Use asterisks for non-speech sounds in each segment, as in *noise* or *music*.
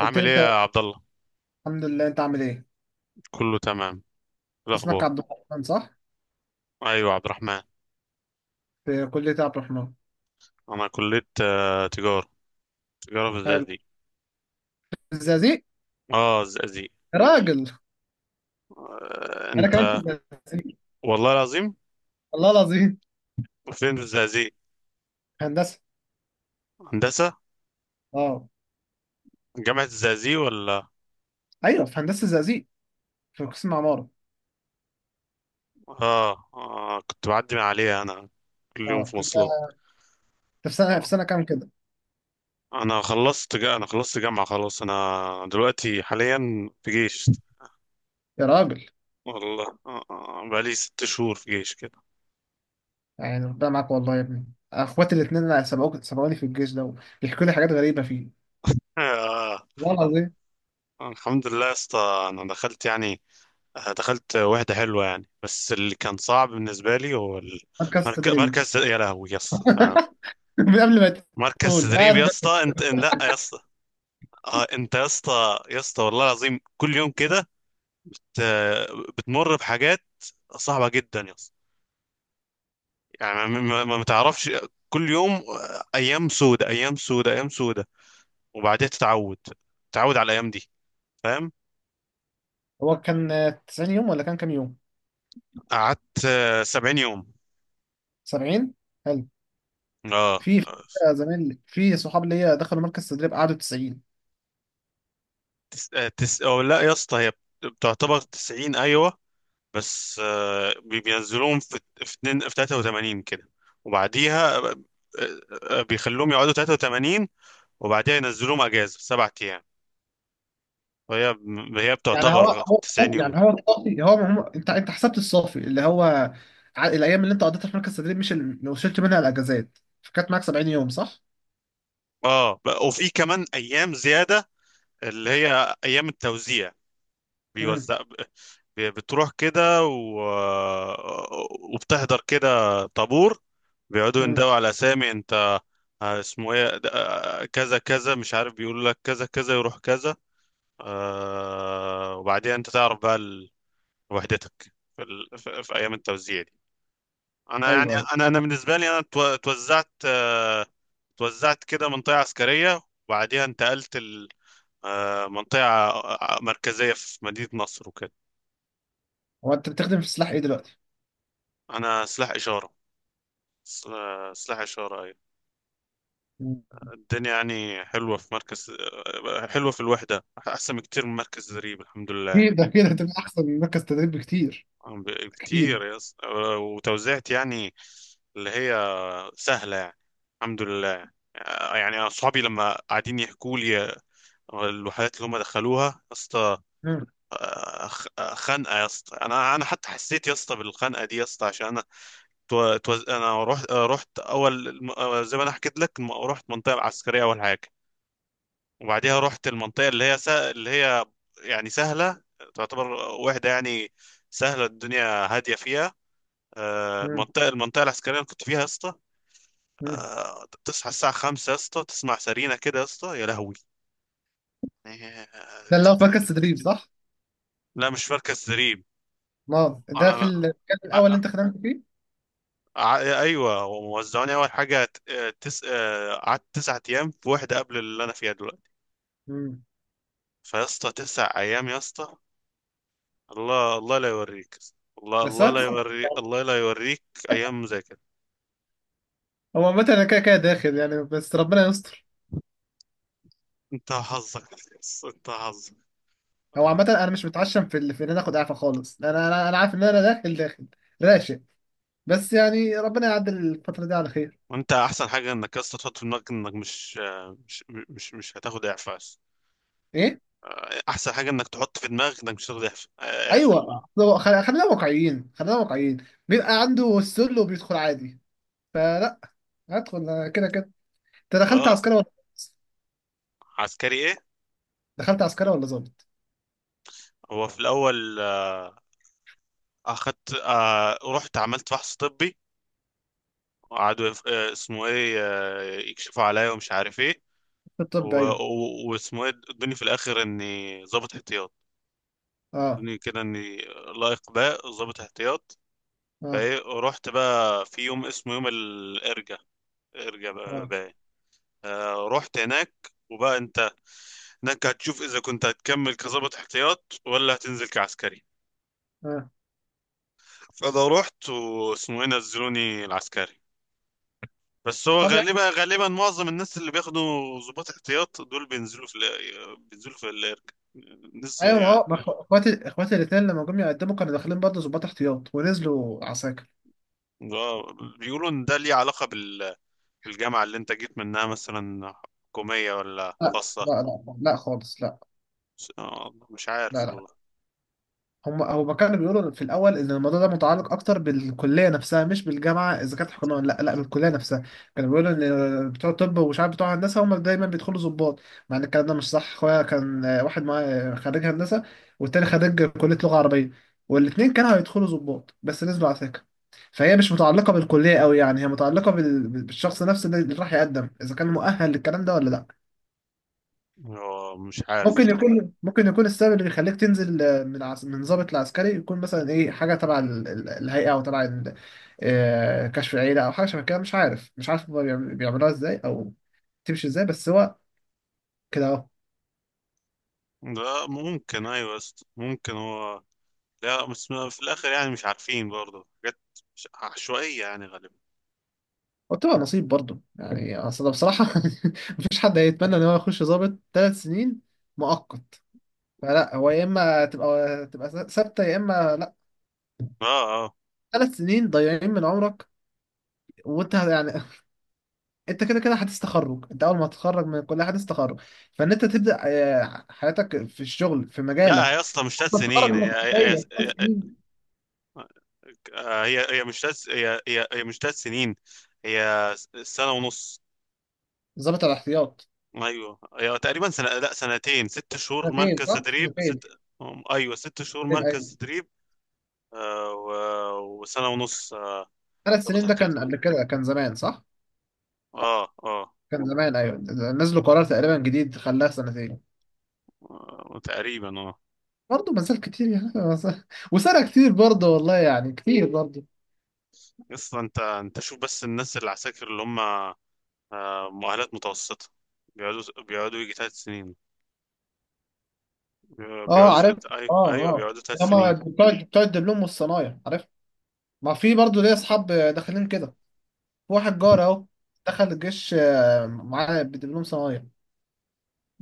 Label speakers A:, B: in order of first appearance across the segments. A: قلت لي
B: ايه
A: انت.
B: يا عبد الله؟
A: الحمد لله، انت عامل ايه؟
B: كله تمام. إيه
A: اسمك
B: الاخبار؟
A: عبد الرحمن صح؟
B: ايوه، عبد الرحمن.
A: في كلية عبد الرحمن.
B: انا كليه تجاره. تجاره في
A: حلو.
B: الزقازيق.
A: في الزقازيق.
B: اه، الزقازيق.
A: يا راجل، انا كمان في
B: انت؟
A: الزقازيق.
B: والله العظيم.
A: والله العظيم.
B: فين في الزقازيق؟
A: في هندسة.
B: هندسه؟
A: اه،
B: جامعه الزقازيق ولا؟
A: ايوه، في هندسة الزقازيق، في قسم عمارة.
B: كنت بعدي من عليها انا. كل يوم
A: اه،
B: في
A: انت
B: مواصلات.
A: انت في سنة في
B: آه،
A: سنة كام كده؟
B: انا خلصت جامعه خلاص. انا دلوقتي حاليا في جيش.
A: يا راجل،
B: والله، بقالي 6 شهور في جيش كده.
A: يعني ربنا معاك والله يا ابني. اخواتي الاثنين سبقوني في الجيش ده. بيحكوا لي حاجات غريبة فيه.
B: آه.
A: والله العظيم.
B: الحمد لله يا اسطى، انا دخلت يعني، دخلت واحدة حلوة يعني، بس اللي كان صعب بالنسبة لي هو
A: مركز تدريب.
B: مركز، يا لهوي يا اسطى. آه.
A: *laughs* من قبل ما
B: مركز
A: تقول
B: تدريب يا
A: عارف.
B: اسطى، انت لا يا اسطى. اه، انت يا اسطى يا اسطى، والله العظيم، كل يوم كده ت- بتمر بحاجات صعبة جدا يا اسطى. يعني، ما تعرفش. كل يوم ايام سودة، ايام سودة، ايام سودة، وبعدين تتعود، تتعود على الايام دي. فاهم؟
A: هو كان 90 يوم ولا كان كام يوم؟
B: قعدت 70 يوم.
A: 70.
B: اه
A: في
B: آه.
A: زميل، في صحاب ليا دخلوا مركز تدريب، قعدوا 90.
B: أو لا يا اسطى، هي بتعتبر 90، ايوه. بس، بينزلوهم في في 83 كده. وبعديها، بيخلوهم يقعدوا 83، وبعديها ينزلوهم اجازه 7 ايام، وهي
A: يعني هو والله،
B: بتعتبر 90 يوم.
A: يعني هو الصافي، انت حسبت الصافي اللي هو الايام اللي انت قضيتها في مركز تدريب، مش اللي وصلت منها الاجازات، فكانت معاك 70 يوم صح؟
B: اه، وفي كمان ايام زياده اللي هي ايام التوزيع.
A: امم
B: بيوزع بتروح كده وبتحضر كده، طابور، بيقعدوا
A: امم
B: يندوا على اسامي، انت اسمه ايه آه، كذا كذا مش عارف، بيقول لك كذا كذا يروح كذا. وبعدين انت تعرف بقى وحدتك في في ايام التوزيع دي. انا يعني
A: ايوه، ايوه.
B: انا انا بالنسبه لي، انا توزعت، توزعت كده منطقه عسكريه، وبعديها انتقلت ال... آه منطقه مركزيه في مدينه نصر وكده.
A: هو انت بتخدم في السلاح ايه دلوقتي؟
B: انا سلاح اشاره. سلاح اشاره، ايوه.
A: مم.
B: الدنيا يعني حلوه في مركز، حلوه في الوحده، احسن بكتير من مركز زريب، الحمد لله.
A: اكيد، ده كده هتبقى احسن من مركز تدريب بكتير.
B: عم ب-
A: اكيد.
B: كتير يس آه، وتوزيعت يعني، اللي هي سهله يعني. الحمد لله، يعني أنا أصحابي لما قاعدين يحكوا لي الوحدات اللي هم دخلوها يا اسطى،
A: مم.
B: خنقة يا اسطى. أنا حتى حسيت يا اسطى بالخنقة دي يا اسطى، عشان أنا أنا رحت، رحت أول زي ما أنا حكيت لك، رحت المنطقة العسكرية أول حاجة. وبعديها رحت المنطقة اللي هي يعني سهلة، تعتبر وحدة يعني سهلة، الدنيا هادية فيها.
A: مم.
B: المنطقة العسكرية اللي كنت فيها يا اسطى،
A: مم.
B: تصحى الساعة 5 يا اسطى، تسمع سرينة كده يا اسطى، يا لهوي.
A: ده اللي هو في مركز تدريب صح؟
B: لا، مش مركز زريب.
A: ما ده
B: انا
A: في
B: أنا-
A: المكان الاول اللي
B: أ-
A: انت خدمت فيه؟
B: أ- ايوه، وموزعوني اول حاجه ت- تس... آه، قعدت 9 ايام في واحده قبل اللي انا فيها دلوقتي.
A: مم.
B: فيا اسطى، 9 ايام يا اسطى، الله الله لا يوريك، الله
A: بس
B: الله لا
A: هو،
B: يوريك، الله لا يوريك، ايام زي كده.
A: مثلا انا كده كده داخل يعني، بس ربنا يستر.
B: انت حظك، انت حظك.
A: هو عامة،
B: آه.
A: أنا مش متعشم في في إن أنا آخد إعفاء خالص. أنا عارف إن أنا داخل داخل. راشق. بس يعني ربنا يعدل الفترة دي على خير.
B: وانت احسن حاجه انك يا اسطى تحط في دماغك انك مش آه، مش مش مش هتاخد اعفاء.
A: إيه؟
B: احسن حاجه انك تحط في دماغك انك مش هتاخد اعفاء، اعفاء.
A: أيوه، خلينا واقعيين، خلينا واقعيين. بيبقى عنده السل وبيدخل عادي، فلا. هدخل أنا كده كده. أنت دخلت
B: اه،
A: عسكري ولا ضابط؟
B: عسكري إيه؟
A: دخلت عسكري ولا ظابط؟
B: هو في الاول، آه، اخدت آه، رحت عملت فحص طبي، وقعدوا يف- آه، اسمه ايه آه، يكشفوا عليا ومش عارف ايه،
A: في الطب، أيوه.
B: واسمه ايه ادوني في الاخر اني ضابط احتياط.
A: أه.
B: ادوني كده اني لائق باء ضابط احتياط.
A: أه.
B: فايه رحت بقى في يوم اسمه يوم الارجا، ارجا بقى
A: أه.
B: بقى. رحت هناك، وبقى انت هناك هتشوف اذا كنت هتكمل كضابط احتياط ولا هتنزل كعسكري.
A: أه.
B: فانا رحت واسمه ايه نزلوني العسكري. بس هو
A: طب يعني.
B: غالبا معظم الناس اللي بياخدوا ضباط احتياط دول بينزلوا بينزلوا في الارك، ناس
A: أيوه، ما
B: يعني.
A: هو، ما إخو- إخواتي إخواتي الاتنين لما جم يقدموا كانوا داخلين برضه ظباط احتياط ونزلوا عساكر.
B: آه، بيقولوا ان ده ليه علاقة بالجامعة اللي انت جيت منها مثلا، حكومية ولا
A: لا
B: خاصة.
A: لا لا لا خالص، لا.
B: مش
A: لا
B: عارف
A: لا.
B: والله.
A: هما كانوا بيقولوا في الاول ان الموضوع ده متعلق اكتر بالكليه نفسها، مش بالجامعه اذا كانت حكومه ولا لا، لا بالكليه نفسها. كانوا بيقولوا ان بتوع الطب ومش عارف بتوع هندسه هم دايما بيدخلوا ضباط. مع ان الكلام ده مش صح. اخويا كان، واحد معاه خريج هندسه، والتاني خريج كليه لغه عربيه. والاتنين كانوا هيدخلوا ضباط بس نزلوا على سكه. فهي مش متعلقه بالكليه قوي، يعني هي متعلقه بالشخص نفسه اللي راح يقدم اذا كان مؤهل للكلام ده ولا لا.
B: مش عارف والله.
A: ممكن يكون السبب اللي بيخليك تنزل، من من ضابط العسكري، يكون مثلا ايه حاجه تبع الهيئه، او تبع كشف العيله، او حاجه شبه كده. مش عارف، مش عارف هما بيعملوها ازاي او تمشي ازاي، بس هو كده اهو.
B: ده ممكن ايوه يا اسطى. ممكن. هو لا، بس في الاخر يعني مش عارفين برضه حاجات عشوائية يعني، غالبا.
A: وبتبقى نصيب برضه يعني، اصل أنا بصراحه *laughs* مفيش حد هيتمنى ان هو يخش ضابط ثلاث سنين مؤقت. فلا، هو يا اما تبقى ثابته يا اما لا.
B: اه اه.
A: ثلاث سنين ضايعين من عمرك، وانت يعني *laughs* انت كده كده حديث تخرج، انت اول ما تتخرج من الكليه حديث تخرج. فان انت تبدا، حياتك في الشغل في
B: لا
A: مجالك.
B: يا اسطى، مش ثلاث
A: أنت تتخرج
B: سنين
A: من الكليه ثلاث
B: هي-
A: سنين
B: هي مش تلات سنين. هي سنة ونص.
A: ضابط الاحتياط.
B: ايوه، هي تقريبا سنة، لا سنتين، 6 شهور
A: سنتين
B: مركز
A: صح،
B: تدريب،
A: سنتين.
B: ست. ايوه، 6 شهور مركز
A: ايوه.
B: تدريب. وسنة ونص.
A: ثلاث
B: ضابط
A: سنين ده
B: احتياط.
A: كان قبل كده، كان زمان صح.
B: اه اه.
A: كان زمان ايوه. نزلوا قرار تقريبا جديد خلاها سنتين.
B: تقريبا، اه.
A: برضه ما زال كتير يعني *laughs* وسنه كتير برضه والله، يعني كتير برضه.
B: اصلا انت شوف بس، الناس اللي العساكر اللي هم مؤهلات متوسطة، بيقعدوا، يجي 3 سنين.
A: اه، عارف.
B: ايوه
A: اه،
B: ايوه،
A: اه.
B: بيقعدوا ثلاث
A: لما
B: سنين
A: بتوع الدبلوم والصنايع، عارف. ما في برضه ليا اصحاب داخلين كده. واحد جار اهو، دخل الجيش، معاه بدبلوم صنايع،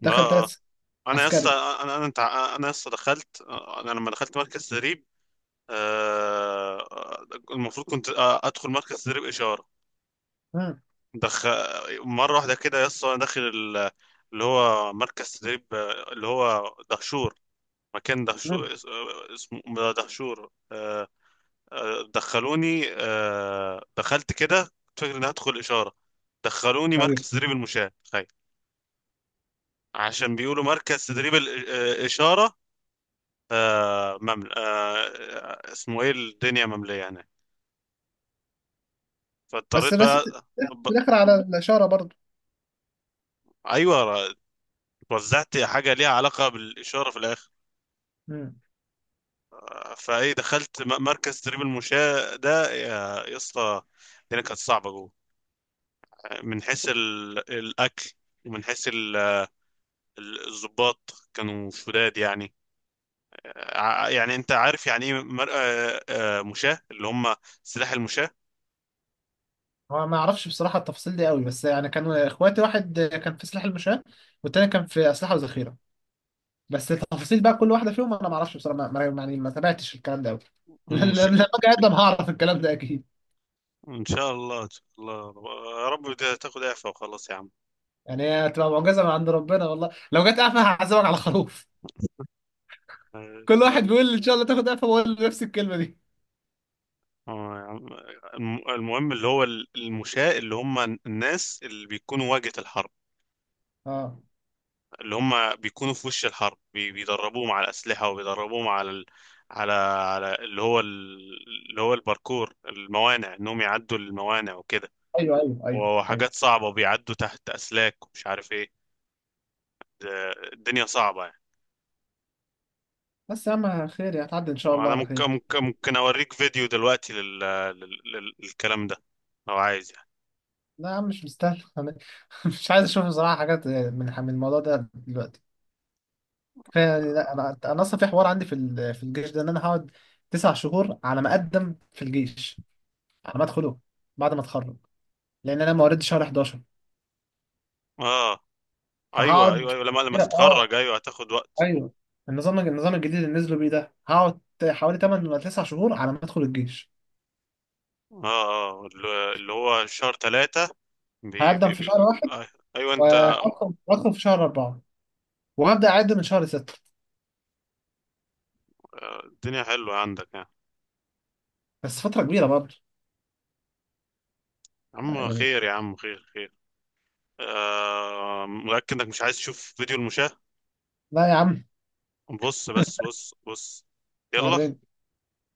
A: دخل
B: اه
A: ثلاث
B: آه.
A: سنين
B: انا لسه.
A: عسكري.
B: انا لسه دخلت، انا لما دخلت مركز تدريب آه، المفروض كنت ادخل مركز تدريب اشاره
A: مم.
B: دخ مره واحده كده. لسه انا داخل اللي هو مركز تدريب، اللي هو دهشور، مكان
A: مم.
B: دهشور، اسمه دهشور. دخلوني آه، دخلت كده، كنت فاكر اني هدخل اشاره، دخلوني
A: ايوه.
B: مركز تدريب المشاة، تخيل، عشان بيقولوا مركز تدريب الاشاره. آه ممل... آه آه، اسمه ايه الدنيا مملية هناك.
A: بس
B: فاضطريت
A: رست
B: بقى
A: في الاخر على الاشاره برضه.
B: ايوه، وزعت حاجة ليها علاقة بالإشارة في الآخر.
A: مم.
B: فايه دخلت مركز تدريب المشاة ده، يا يا اسطى، الدنيا كانت صعبة جوه، من حيث الأكل، ومن حيث الضباط كانوا شداد يعني. يعني انت عارف يعني ايه مر... آه، آه، مشاة، اللي هم سلاح المشاة،
A: هو ما اعرفش بصراحه التفاصيل دي قوي، بس يعني كان اخواتي واحد كان في سلاح المشاة، والتاني كان في اسلحه وذخيره. بس التفاصيل بقى كل واحده فيهم انا ما اعرفش بصراحه، يعني ما تابعتش الكلام ده قوي *laughs*
B: المشاة.
A: لما اجي اقدم هعرف الكلام ده اكيد.
B: ان شاء الله، ان شاء الله. يا رب تاخد اعفاء وخلاص يا عم.
A: يعني هي هتبقى معجزه من عند ربنا، والله لو جت قفا هعزمك على خروف.
B: ان
A: كل
B: شاء
A: واحد
B: الله.
A: بيقول ان شاء الله تاخد قفا، بقول نفس الكلمه دي.
B: يا عم. المهم، اللي هو المشاة اللي هم الناس اللي بيكونوا واجهة الحرب،
A: اه،
B: اللي هم بيكونوا في وش الحرب، بيدربوهم على الأسلحة، وبيدربوهم على على اللي هو اللي هو الباركور، الموانع، انهم يعدوا الموانع وكده،
A: ايوه ايوه ايوه ايوه.
B: وحاجات صعبة، وبيعدوا تحت أسلاك ومش عارف ايه. الدنيا صعبة يعني.
A: بس يا عم خير، يعني هتعدي ان شاء الله
B: انا
A: على خير.
B: ممكن اوريك فيديو دلوقتي للكلام ده، لو عايز يعني.
A: لا يا عم، مش مستاهل أنا *laughs* مش عايز اشوف بصراحه حاجات من الموضوع ده دلوقتي. كفايه يعني. لا، انا اصلا في حوار عندي في في الجيش ده ان انا هقعد تسع شهور على ما اقدم في الجيش، على ما ادخله، بعد ما اتخرج. لان انا مواليد شهر 11،
B: اه. ايوه
A: فهقعد
B: ايوه ايوه، لما
A: كده اه
B: تتخرج، ايوه هتاخد وقت.
A: ايوه. النظام الجديد اللي نزلوا بيه ده، هقعد حوالي 8 ولا 9 شهور على ما ادخل الجيش.
B: اه اه، اللي هو شهر 3 بي
A: هقدم
B: بي
A: في
B: بي
A: شهر واحد،
B: آه، ايوه، انت.
A: وهدخل في شهر اربعه، وهبدأ أعد من شهر ستة.
B: الدنيا حلوة عندك يعني.
A: بس فترة كبيرة برضه
B: يا عم
A: يعني.
B: خير، يا عم خير خير. متأكد انك مش عايز تشوف فيديو المشاة؟
A: لا يا عم
B: بص بس،
A: *laughs*
B: بص بص. يلا.
A: وريني.